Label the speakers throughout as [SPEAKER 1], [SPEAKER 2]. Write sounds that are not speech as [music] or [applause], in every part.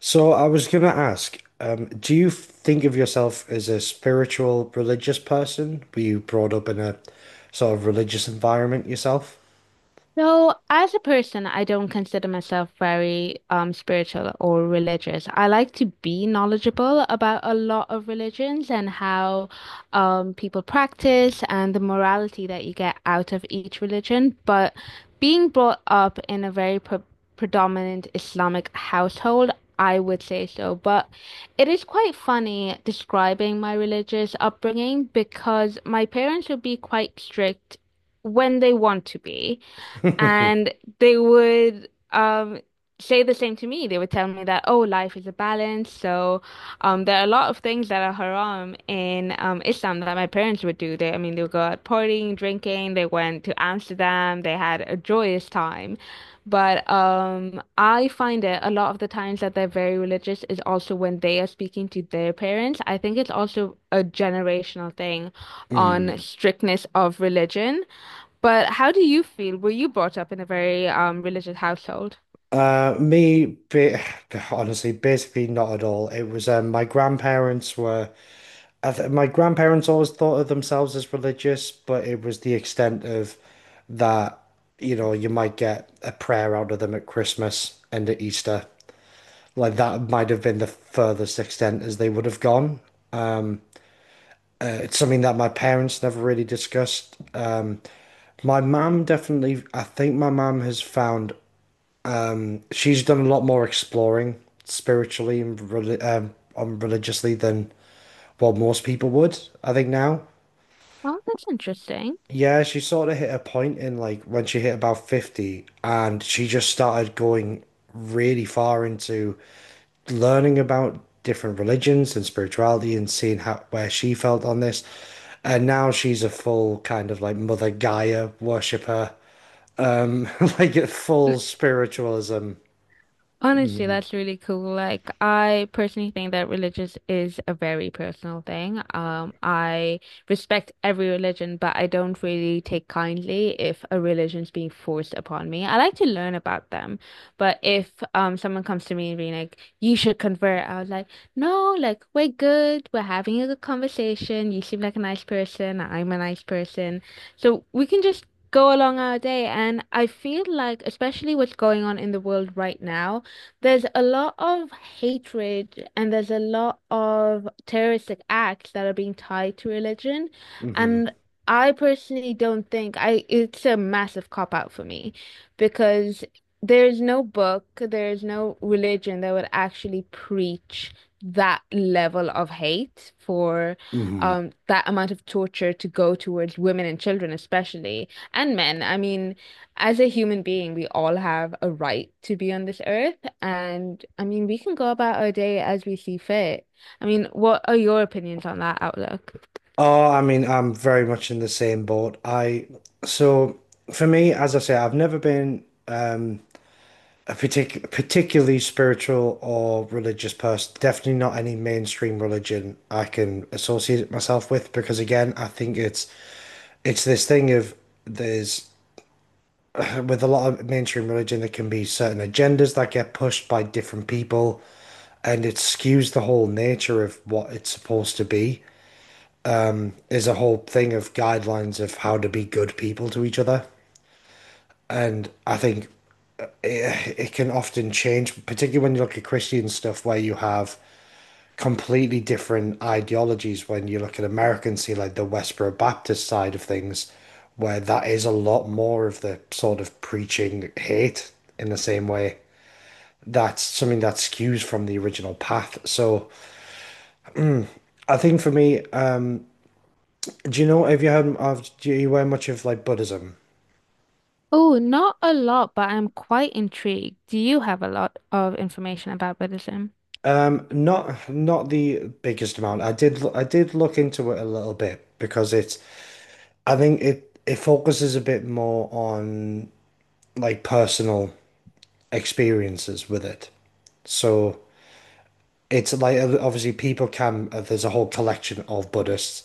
[SPEAKER 1] So I was gonna ask, do you think of yourself as a spiritual, religious person? Were you brought up in a sort of religious environment yourself?
[SPEAKER 2] So, as a person, I don't consider myself very spiritual or religious. I like to be knowledgeable about a lot of religions and how people practice and the morality that you get out of each religion. But being brought up in a very predominant Islamic household, I would say so. But it is quite funny describing my religious upbringing because my parents would be quite strict when they want to be.
[SPEAKER 1] [laughs]
[SPEAKER 2] And they would say the same to me. They would tell me that, oh, life is a balance. So there are a lot of things that are haram in Islam that my parents would do. They, they would go out partying, drinking. They went to Amsterdam. They had a joyous time. But I find it a lot of the times that they're very religious is also when they are speaking to their parents. I think it's also a generational thing
[SPEAKER 1] Hmm.
[SPEAKER 2] on strictness of religion. But how do you feel? Were you brought up in a very religious household?
[SPEAKER 1] Me, ba honestly, basically not at all. It was my grandparents were. I th My grandparents always thought of themselves as religious, but it was the extent of that. You know, you might get a prayer out of them at Christmas and at Easter. Like that might have been the furthest extent as they would have gone. It's something that my parents never really discussed. My mum definitely, I think my mum has found she's done a lot more exploring spiritually and religiously than what most people would, I think now.
[SPEAKER 2] Oh, that's interesting.
[SPEAKER 1] Yeah, she sort of hit a point in like when she hit about 50 and she just started going really far into learning about different religions and spirituality and seeing how where she felt on this. And now she's a full kind of like Mother Gaia worshiper, [laughs] like a full spiritualism.
[SPEAKER 2] Honestly, that's really cool. Like, I personally think that religious is a very personal thing. I respect every religion, but I don't really take kindly if a religion's being forced upon me. I like to learn about them, but if someone comes to me and being like, "You should convert," I was like, "No, like we're good. We're having a good conversation. You seem like a nice person. I'm a nice person, so we can just." Go along our day, and I feel like, especially what's going on in the world right now there's a lot of hatred and there's a lot of terroristic acts that are being tied to religion.
[SPEAKER 1] Hmm.
[SPEAKER 2] And I personally don't think I it's a massive cop out for me because there's no book, there's no religion that would actually preach that level of hate for
[SPEAKER 1] Hmm.
[SPEAKER 2] that amount of torture to go towards women and children especially and men. I mean as a human being, we all have a right to be on this earth. And I mean, we can go about our day as we see fit. I mean, what are your opinions on that outlook?
[SPEAKER 1] Oh, I mean, I'm very much in the same boat. I so for me, as I say, I've never been a particularly spiritual or religious person. Definitely not any mainstream religion I can associate myself with, because again, I think it's this thing of there's with a lot of mainstream religion there can be certain agendas that get pushed by different people, and it skews the whole nature of what it's supposed to be. There's a whole thing of guidelines of how to be good people to each other, and I think it can often change, particularly when you look at Christian stuff where you have completely different ideologies, when you look at America and see like the Westboro Baptist side of things, where that is a lot more of the sort of preaching hate in the same way. That's something that skews from the original path. So I think for me, do you know have you heard of do you wear much of like Buddhism?
[SPEAKER 2] Oh, not a lot, but I'm quite intrigued. Do you have a lot of information about Buddhism?
[SPEAKER 1] Not not the biggest amount. I did look into it a little bit because it's I think it it focuses a bit more on like personal experiences with it. So it's like obviously people can there's a whole collection of Buddhists,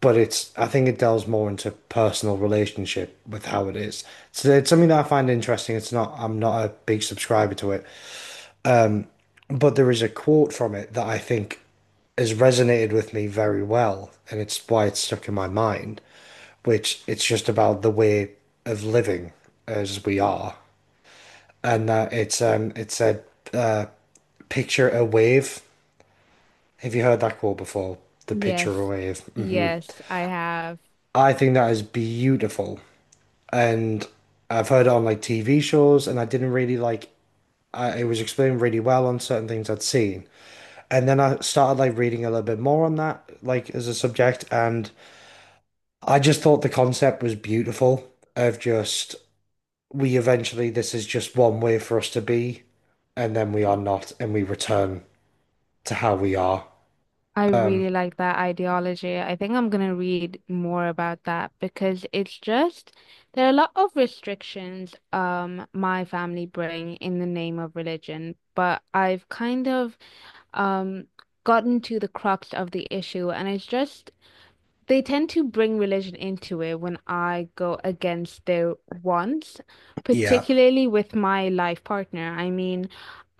[SPEAKER 1] but it's I think it delves more into personal relationship with how it is. So it's something that I find interesting. It's not I'm not a big subscriber to it, but there is a quote from it that I think has resonated with me very well, and it's why it's stuck in my mind, which it's just about the way of living as we are. And that it's it said picture a wave. Have you heard that quote before? The picture
[SPEAKER 2] Yes,
[SPEAKER 1] away is. Mm.
[SPEAKER 2] yes, I have.
[SPEAKER 1] I think that is beautiful. And I've heard it on like TV shows, and I didn't really like I, it was explained really well on certain things I'd seen. And then I started like reading a little bit more on that, like as a subject, and I just thought the concept was beautiful of just we eventually this is just one way for us to be, and then we are not, and we return to how we are.
[SPEAKER 2] I
[SPEAKER 1] Um,
[SPEAKER 2] really like that ideology. I think I'm gonna read more about that because it's just there are a lot of restrictions my family bring in the name of religion, but I've kind of um gotten to the crux of the issue and it's just they tend to bring religion into it when I go against their wants,
[SPEAKER 1] yeah.
[SPEAKER 2] particularly with my life partner. I mean,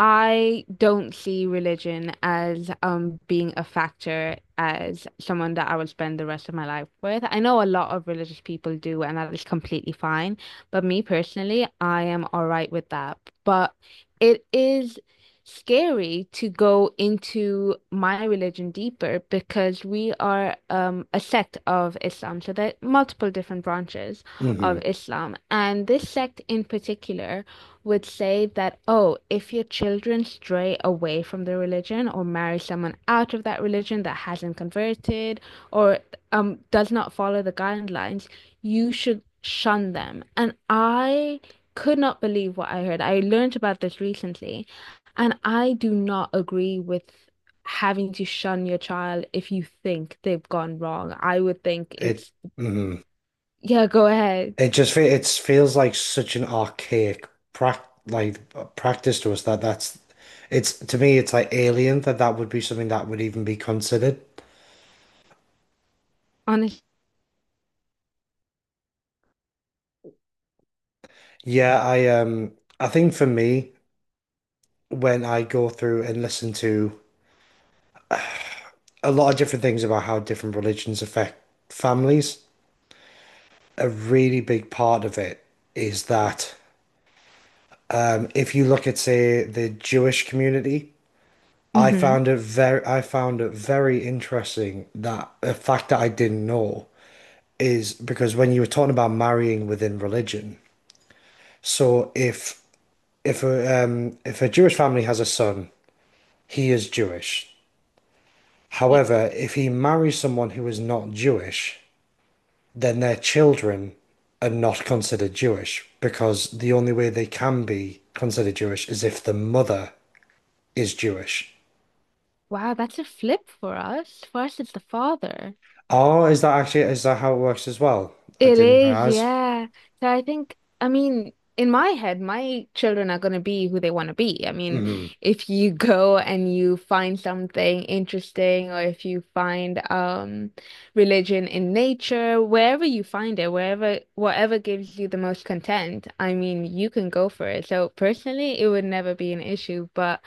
[SPEAKER 2] I don't see religion as being a factor as someone that I will spend the rest of my life with. I know a lot of religious people do, and that is completely fine. But me personally, I am all right with that. But it is scary to go into my religion deeper because we are a sect of Islam. So there are multiple different branches
[SPEAKER 1] Hmm.
[SPEAKER 2] of Islam. And this sect in particular would say that, oh, if your children stray away from the religion or marry someone out of that religion that hasn't converted or does not follow the guidelines, you should shun them. And I could not believe what I heard. I learned about this recently. And I do not agree with having to shun your child if you think they've gone wrong. I would think
[SPEAKER 1] It.
[SPEAKER 2] it's,
[SPEAKER 1] Mhm.
[SPEAKER 2] yeah, go ahead.
[SPEAKER 1] It just it feels like such an archaic practice to us that that's it's to me it's like alien that that would be something that would even be considered.
[SPEAKER 2] Honest.
[SPEAKER 1] Yeah, I think for me when I go through and listen to a lot of different things about how different religions affect families, a really big part of it is that if you look at say the Jewish community, I
[SPEAKER 2] Hmm.
[SPEAKER 1] found it very I found it very interesting that a fact that I didn't know is because when you were talking about marrying within religion, so if a Jewish family has a son, he is Jewish.
[SPEAKER 2] Yes.
[SPEAKER 1] However, if he marries someone who is not Jewish, then their children are not considered Jewish, because the only way they can be considered Jewish is if the mother is Jewish.
[SPEAKER 2] Wow, that's a flip for us. For us, it's the father.
[SPEAKER 1] Oh, is that actually is that how it works as well? I
[SPEAKER 2] It
[SPEAKER 1] didn't
[SPEAKER 2] is,
[SPEAKER 1] realize.
[SPEAKER 2] yeah. So I think, I mean, in my head, my children are going to be who they want to be. I mean,
[SPEAKER 1] Mm,
[SPEAKER 2] if you [laughs] go and you find something interesting, or if you find religion in nature, wherever you find it, wherever whatever gives you the most content, I mean, you can go for it. So personally, it would never be an issue, but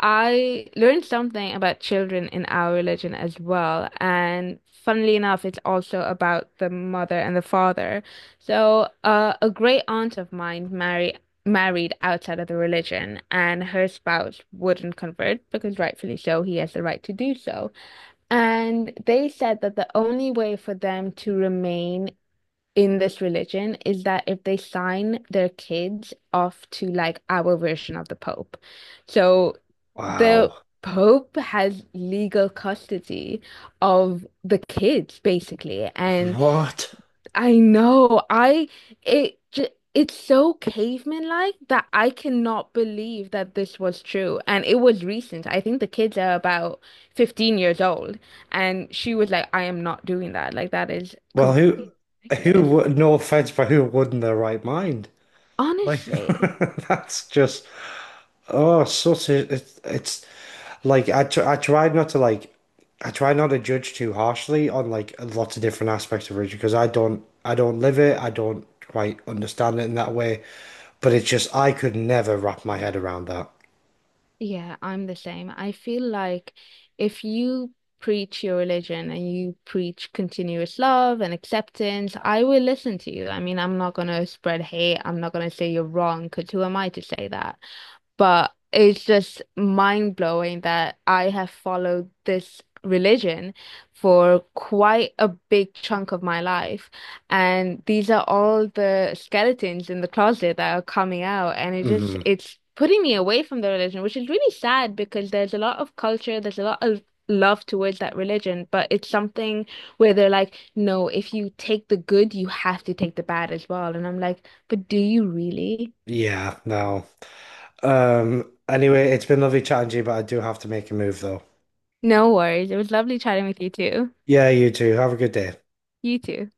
[SPEAKER 2] I learned something about children in our religion as well. And funnily enough, it's also about the mother and the father. So, a great aunt of mine married outside of the religion, and her spouse wouldn't convert because rightfully so, he has the right to do so. And they said that the only way for them to remain in this religion is that if they sign their kids off to like our version of the Pope. So the
[SPEAKER 1] wow.
[SPEAKER 2] Pope has legal custody of the kids basically. And
[SPEAKER 1] What?
[SPEAKER 2] I know I it ju- it's so caveman-like that I cannot believe that this was true. And it was recent. I think the kids are about 15 years old. And she was like, I am not doing that. Like, that is
[SPEAKER 1] Well,
[SPEAKER 2] completely
[SPEAKER 1] who
[SPEAKER 2] ridiculous.
[SPEAKER 1] would, no offense, but who would in their right mind? Like,
[SPEAKER 2] Honestly,
[SPEAKER 1] [laughs] that's just, oh, such a, it's like, I, tr I try not to like, I try not to judge too harshly on like lots of different aspects of religion, because I don't live it. I don't quite understand it in that way. But it's just, I could never wrap my head around that.
[SPEAKER 2] yeah, I'm the same. I feel like if you preach your religion and you preach continuous love and acceptance, I will listen to you. I mean, I'm not going to spread hate. I'm not going to say you're wrong, because who am I to say that? But it's just mind blowing that I have followed this religion for quite a big chunk of my life. And these are all the skeletons in the closet that are coming out. And it just,
[SPEAKER 1] Hmm.
[SPEAKER 2] it's putting me away from the religion, which is really sad because there's a lot of culture, there's a lot of love towards that religion, but it's something where they're like, no, if you take the good, you have to take the bad as well. And I'm like, but do you really?
[SPEAKER 1] Yeah, no. Anyway, it's been lovely chatting to you, but I do have to make a move though.
[SPEAKER 2] No worries. It was lovely chatting with you too.
[SPEAKER 1] Yeah, you too. Have a good day.
[SPEAKER 2] You too.